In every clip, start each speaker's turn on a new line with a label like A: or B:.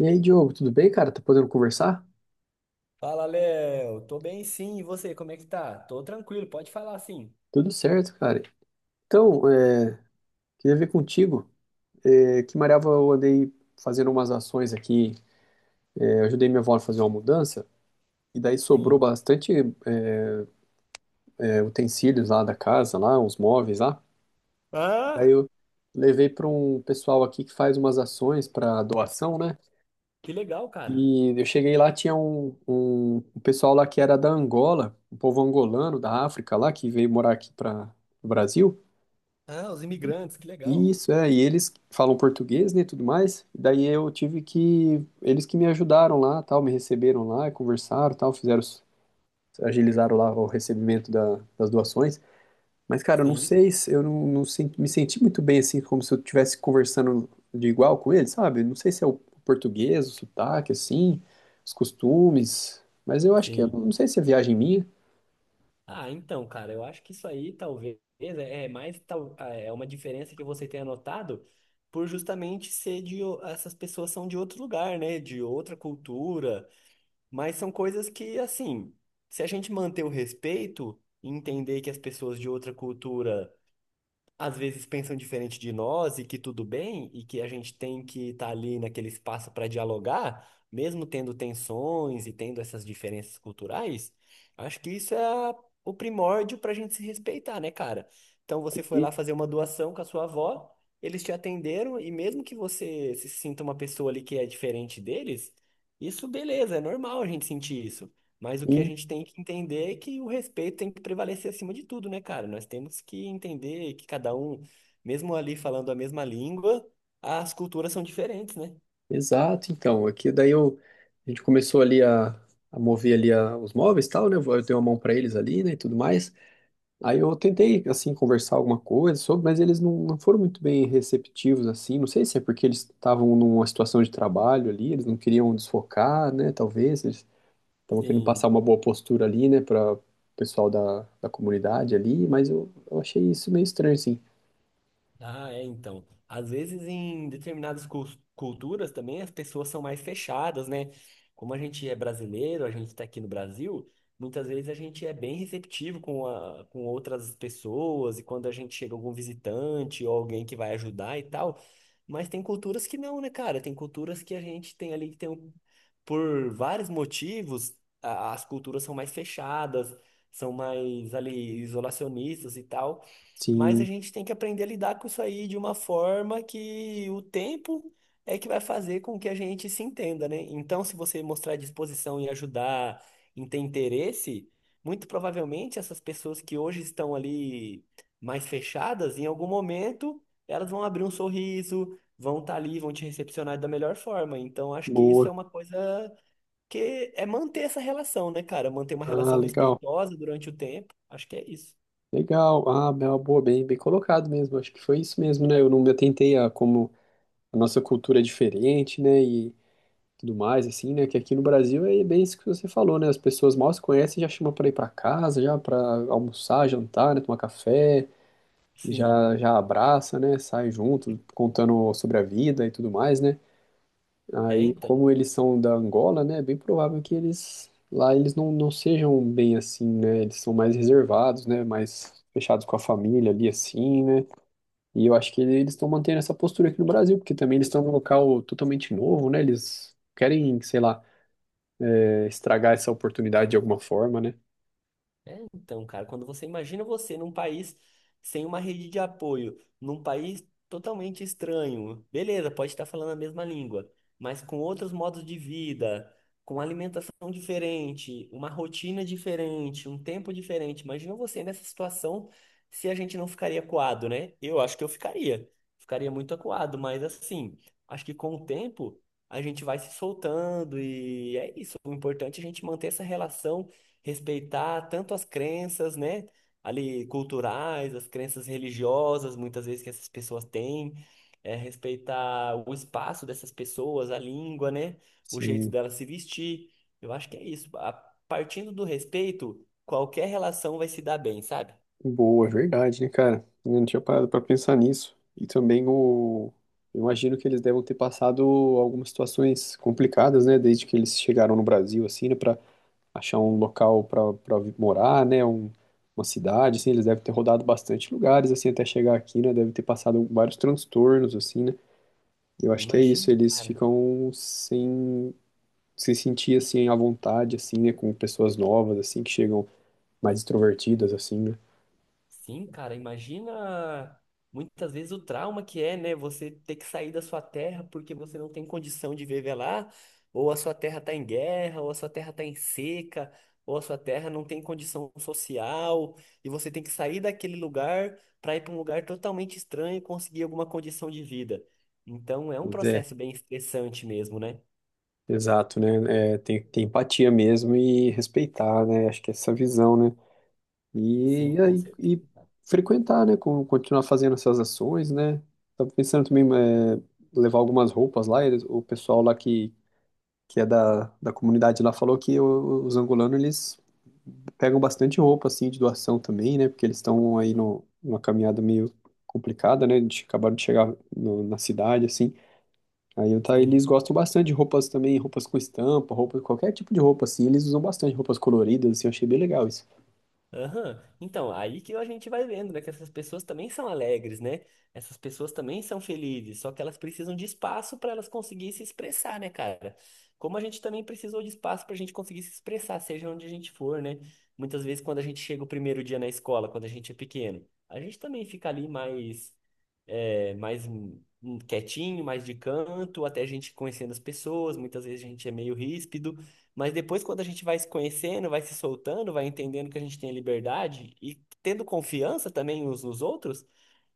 A: E aí, Diogo, tudo bem, cara? Tá podendo conversar?
B: Fala, Léo. Tô bem, sim. E você, como é que tá? Tô tranquilo, pode falar sim.
A: Tudo certo, cara. Então, queria ver contigo, que Mariava eu andei fazendo umas ações aqui, eu ajudei minha avó a fazer uma mudança, e daí sobrou
B: Sim.
A: bastante utensílios lá da casa, lá, uns móveis lá. Daí
B: Ah,
A: eu levei para um pessoal aqui que faz umas ações para doação, né?
B: que legal, cara.
A: E eu cheguei lá, tinha um pessoal lá que era da Angola, um povo angolano da África lá, que veio morar aqui para o Brasil.
B: Ah, os imigrantes, que legal.
A: Isso, é, e eles falam português, né, e tudo mais, e daí eu tive que, eles que me ajudaram lá, tal, me receberam lá, conversaram, tal, fizeram, agilizaram lá o recebimento das doações, mas, cara, eu não
B: Sim,
A: sei, eu não me senti muito bem, assim, como se eu estivesse conversando de igual com eles, sabe, não sei se é o português, o sotaque, assim, os costumes, mas eu acho que, eu
B: sim.
A: não sei se é viagem minha.
B: Ah, então, cara, eu acho que isso aí talvez é mais tal, é uma diferença que você tenha notado por justamente ser de o- essas pessoas são de outro lugar, né? De outra cultura, mas são coisas que assim, se a gente manter o respeito, e entender que as pessoas de outra cultura às vezes pensam diferente de nós e que tudo bem, e que a gente tem que estar ali naquele espaço para dialogar, mesmo tendo tensões e tendo essas diferenças culturais, acho que isso é a- o primórdio para a gente se respeitar, né, cara? Então você foi
A: E-
B: lá fazer uma doação com a sua avó, eles te atenderam, e mesmo que você se sinta uma pessoa ali que é diferente deles, isso beleza, é normal a gente sentir isso. Mas o que a gente tem que entender é que o respeito tem que prevalecer acima de tudo, né, cara? Nós temos que entender que cada um, mesmo ali falando a mesma língua, as culturas são diferentes, né?
A: exato, então, aqui daí eu, a gente começou ali a mover ali os móveis e tal, né? Eu dei uma mão para eles ali, né, e tudo mais. Aí eu tentei, assim, conversar alguma coisa sobre, mas eles não foram muito bem receptivos, assim. Não sei se é porque eles estavam numa situação de trabalho ali, eles não queriam desfocar, né? Talvez eles estavam querendo passar
B: Sim.
A: uma boa postura ali, né, para o pessoal da comunidade ali, mas eu achei isso meio estranho, assim.
B: Ah, é, então. Às vezes, em determinadas cus- culturas também, as pessoas são mais fechadas, né? Como a gente é brasileiro, a gente está aqui no Brasil, muitas vezes a gente é bem receptivo com, a, com outras pessoas, e quando a gente chega algum visitante ou alguém que vai ajudar e tal. Mas tem culturas que não, né, cara? Tem culturas que a gente tem ali que tem, um- por vários motivos, a- as culturas são mais fechadas, são mais ali isolacionistas e tal. Mas a
A: Sim,
B: gente tem que aprender a lidar com isso aí de uma forma que o tempo é que vai fazer com que a gente se entenda, né? Então, se você mostrar disposição em ajudar, em ter interesse, muito provavelmente essas pessoas que hoje estão ali mais fechadas, em algum momento elas vão abrir um sorriso, vão estar ali, vão te recepcionar da melhor forma. Então, acho que isso
A: boa.
B: é uma coisa que é manter essa relação, né, cara? Manter uma
A: Ah,
B: relação
A: legal.
B: respeitosa durante o tempo. Acho que é isso.
A: Legal, ah, é uma boa, bem colocado mesmo. Acho que foi isso mesmo, né? Eu não me atentei a como a nossa cultura é diferente, né? E tudo mais, assim, né? Que aqui no Brasil é bem isso que você falou, né? As pessoas mal se conhecem, já chamam para ir para casa, já para almoçar, jantar, né? Tomar café,
B: Sim.
A: já já abraça, né? Sai junto, contando sobre a vida e tudo mais, né?
B: É,
A: Aí,
B: então.
A: como eles são da Angola, né, é bem provável que eles lá eles não sejam bem assim, né? Eles são mais reservados, né? Mais fechados com a família ali assim, né? E eu acho que eles estão mantendo essa postura aqui no Brasil, porque também eles estão num local totalmente novo, né? Eles querem, sei lá, estragar essa oportunidade de alguma forma, né?
B: Então, cara, quando você imagina você num país sem uma rede de apoio, num país totalmente estranho, beleza, pode estar falando a mesma língua, mas com outros modos de vida, com alimentação diferente, uma rotina diferente, um tempo diferente. Imagina você nessa situação se a gente não ficaria acuado, né? Eu acho que eu ficaria. Ficaria muito acuado, mas assim, acho que com o tempo a gente vai se soltando e é isso. O importante é a gente manter essa relação respeitar tanto as crenças, né, ali culturais, as crenças religiosas, muitas vezes que essas pessoas têm, é, respeitar o espaço dessas pessoas, a língua, né, o jeito
A: Sim.
B: delas se vestir. Eu acho que é isso. A- partindo do respeito, qualquer relação vai se dar bem, sabe?
A: Boa, é verdade, né, cara? Eu não tinha parado pra pensar nisso. E também o. Eu imagino que eles devem ter passado algumas situações complicadas, né? Desde que eles chegaram no Brasil, assim, né? Pra achar um local morar, né? Um, uma cidade, assim. Eles devem ter rodado bastante lugares, assim, até chegar aqui, né? Deve ter passado vários transtornos, assim, né? Eu acho que é isso.
B: Imagina,
A: Eles
B: cara.
A: ficam sem se sentir, assim, à vontade, assim, né? Com pessoas novas, assim, que chegam mais extrovertidas, assim, né?
B: Sim, cara, imagina muitas vezes o trauma que é, né? Você ter que sair da sua terra porque você não tem condição de viver lá, ou a sua terra tá em guerra, ou a sua terra tá em seca, ou a sua terra não tem condição social, e você tem que sair daquele lugar para ir para um lugar totalmente estranho e conseguir alguma condição de vida. Então é um
A: Pois é.
B: processo bem estressante mesmo, né?
A: Exato, né? É, tem que ter empatia mesmo e respeitar, né? Acho que é essa visão, né? E,
B: Sim,
A: e,
B: com
A: aí- e
B: certeza, cara.
A: frequentar, né? Com- continuar fazendo essas ações, né? Tava pensando também levar algumas roupas lá. Eles- o pessoal lá que é da comunidade lá falou que os angolanos, eles pegam bastante roupa, assim, de doação também, né? Porque eles estão aí no, numa caminhada meio complicada, né? De, acabaram de chegar na cidade, assim. Aí eu tá, eles
B: Sim.
A: gostam bastante de roupas também, roupas com estampa, roupa, qualquer tipo de roupa, assim, eles usam bastante roupas coloridas, assim, eu achei bem legal isso.
B: Aham. Então, aí que a gente vai vendo, né? Que essas pessoas também são alegres, né? Essas pessoas também são felizes, só que elas precisam de espaço para elas conseguirem se expressar, né, cara? Como a gente também precisou de espaço para a gente conseguir se expressar, seja onde a gente for, né? Muitas vezes, quando a gente chega o primeiro dia na escola, quando a gente é pequeno, a gente também fica ali mais, é, mais quietinho, mais de canto, até a gente conhecendo as pessoas. Muitas vezes a gente é meio ríspido. Mas depois, quando a gente vai se conhecendo, vai se soltando, vai entendendo que a gente tem a liberdade e tendo confiança também uns nos outros,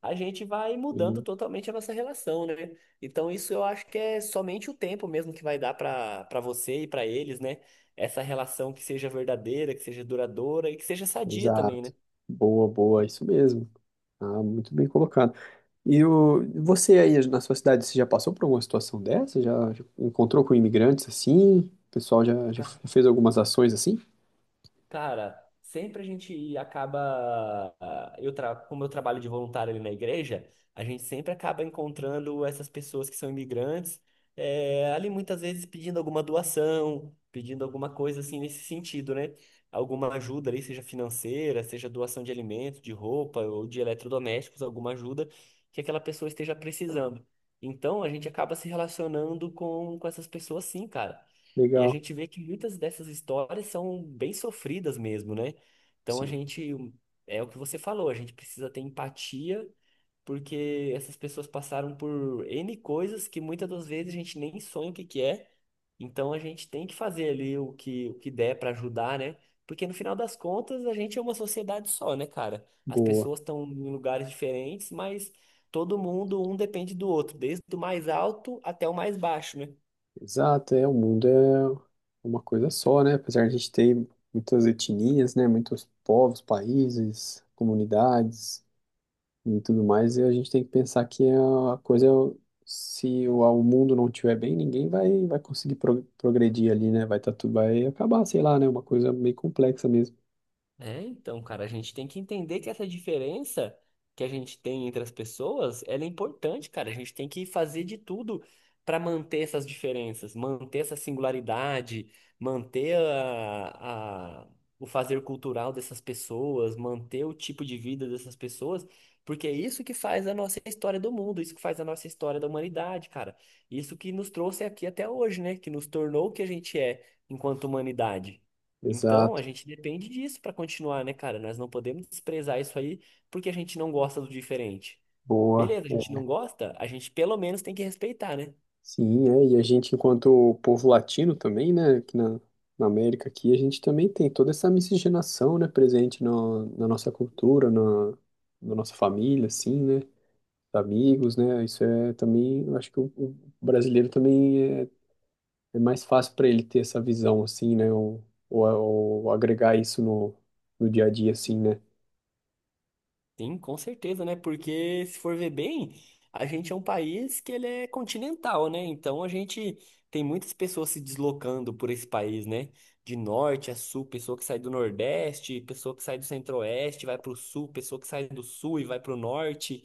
B: a gente vai mudando
A: Sim,
B: totalmente a nossa relação, né? Então, isso eu acho que é somente o tempo mesmo que vai dar para você e para eles, né? Essa relação que seja verdadeira, que seja duradoura e que seja sadia
A: exato.
B: também,
A: Boa, boa, isso mesmo. Ah, muito bem colocado. E o, você aí na sua cidade, você já passou por alguma situação dessa? Já, já encontrou com imigrantes assim? O pessoal já, já
B: né?
A: fez algumas ações assim?
B: Cara, sempre a gente acaba. Eu tra... Como eu trabalho de voluntário ali na igreja, a gente sempre acaba encontrando essas pessoas que são imigrantes, ali muitas vezes pedindo alguma doação, pedindo alguma coisa assim nesse sentido, né? Alguma ajuda ali, seja financeira, seja doação de alimentos, de roupa ou de eletrodomésticos, alguma ajuda que aquela pessoa esteja precisando. Então a gente acaba se relacionando com essas pessoas sim, cara. E a
A: Legal.
B: gente vê que muitas dessas histórias são bem sofridas mesmo, né? Então a
A: Sim,
B: gente, é o que você falou, a gente precisa ter empatia, porque essas pessoas passaram por N coisas que muitas das vezes a gente nem sonha o que que é. Então a gente tem que fazer ali o que der para ajudar, né? Porque no final das contas a gente é uma sociedade só, né, cara? As
A: boa.
B: pessoas estão em lugares diferentes, mas todo mundo, um depende do outro, desde o mais alto até o mais baixo, né?
A: Exato, é, o mundo é uma coisa só, né? Apesar de a gente ter muitas etnias, né? Muitos povos, países, comunidades e tudo mais, e a gente tem que pensar que a coisa, se o mundo não estiver bem, ninguém vai, vai conseguir progredir ali, né? Vai, tá, tudo vai acabar, sei lá, né? Uma coisa meio complexa mesmo.
B: É, então, cara, a gente tem que entender que essa diferença que a gente tem entre as pessoas, ela é importante, cara. A gente tem que fazer de tudo para manter essas diferenças, manter essa singularidade, manter a- o fazer cultural dessas pessoas, manter o tipo de vida dessas pessoas, porque é isso que faz a nossa história do mundo, isso que faz a nossa história da humanidade, cara. Isso que nos trouxe aqui até hoje, né? Que nos tornou o que a gente é enquanto humanidade. Então,
A: Exato,
B: a gente depende disso para continuar, né, cara? Nós não podemos desprezar isso aí porque a gente não gosta do diferente.
A: boa.
B: Beleza, a gente não gosta, a gente pelo menos tem que respeitar, né?
A: Sim, é, e a gente, enquanto povo latino também, né, aqui na América aqui, a gente também tem toda essa miscigenação, né, presente no, na nossa cultura, na nossa família, assim, né, amigos, né, isso é também, eu acho que o brasileiro também é, é mais fácil para ele ter essa visão, assim, né, ou agregar isso no, no dia a dia, assim, né,
B: Sim, com certeza, né? Porque se for ver bem, a gente é um país que ele é continental, né? Então a gente tem muitas pessoas se deslocando por esse país, né? De norte a sul, pessoa que sai do Nordeste, pessoa que sai do Centro-Oeste, vai pro sul, pessoa que sai do sul e vai pro norte.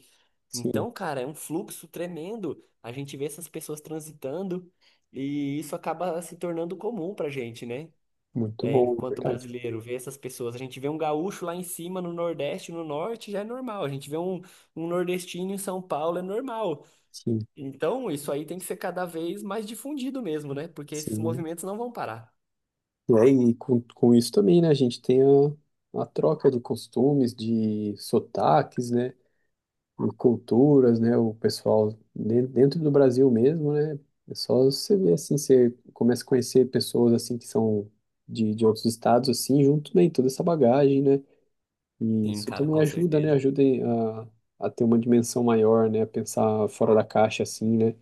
A: sim,
B: Então, cara, é um fluxo tremendo. A gente vê essas pessoas transitando e isso acaba se tornando comum pra gente, né?
A: muito
B: É,
A: bom, na
B: enquanto
A: verdade,
B: brasileiro, ver essas pessoas. A gente vê um gaúcho lá em cima, no Nordeste, no Norte, já é normal. A gente vê um, um nordestino em São Paulo, é normal.
A: sim,
B: Então, isso aí tem que ser cada vez mais difundido mesmo, né? Porque esses
A: sim.
B: movimentos não vão parar.
A: Né? E com isso também, né? A gente tem a troca de costumes, de sotaques, né? De culturas, né? O pessoal de- dentro do Brasil mesmo, né? É só você ver assim, você começa a conhecer pessoas assim que são de outros estados, assim, junto, né? E toda essa bagagem, né? E
B: Sim,
A: isso
B: cara,
A: também
B: com
A: ajuda, né?
B: certeza.
A: Ajuda em- a ter uma dimensão maior, né? A pensar fora da caixa, assim, né?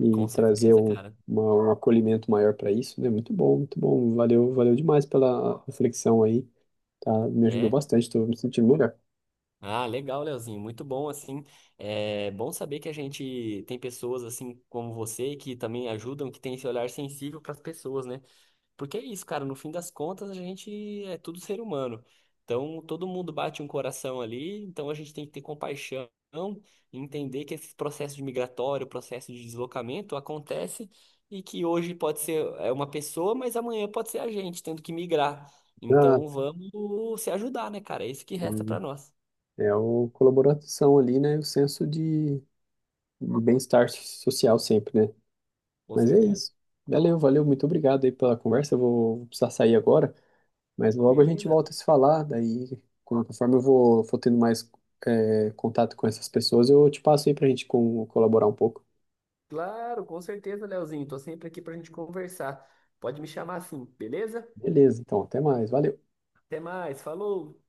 A: E
B: Com
A: trazer
B: certeza,
A: um,
B: cara.
A: uma- um acolhimento maior para isso, né? Muito bom, muito bom. Valeu, valeu demais pela reflexão aí, tá? Me ajudou
B: É.
A: bastante, estou me sentindo melhor.
B: Ah, legal, Leozinho. Muito bom, assim. É bom saber que a gente tem pessoas assim como você que também ajudam, que tem esse olhar sensível para as pessoas, né? Porque é isso, cara, no fim das contas a gente é tudo ser humano. Então todo mundo bate um coração ali, então a gente tem que ter compaixão, entender que esse processo de migratório, processo de deslocamento acontece e que hoje pode ser é, uma pessoa, mas amanhã pode ser a gente tendo que migrar.
A: Ah,
B: Então vamos se ajudar, né, cara? É isso que resta pra
A: hum,
B: nós.
A: é a colaboração ali, né? O senso de bem-estar social sempre, né?
B: Com
A: Mas é
B: certeza.
A: isso. Valeu, valeu, muito obrigado aí pela conversa. Eu vou, vou precisar sair agora, mas logo a gente
B: Beleza.
A: volta a se falar. Daí, conforme eu vou, for tendo mais contato com essas pessoas, eu te passo aí pra gente com, colaborar um pouco.
B: Claro, com certeza, Leozinho. Tô sempre aqui pra gente conversar. Pode me chamar assim, beleza?
A: Beleza, então, até mais. Valeu.
B: Até mais. Falou.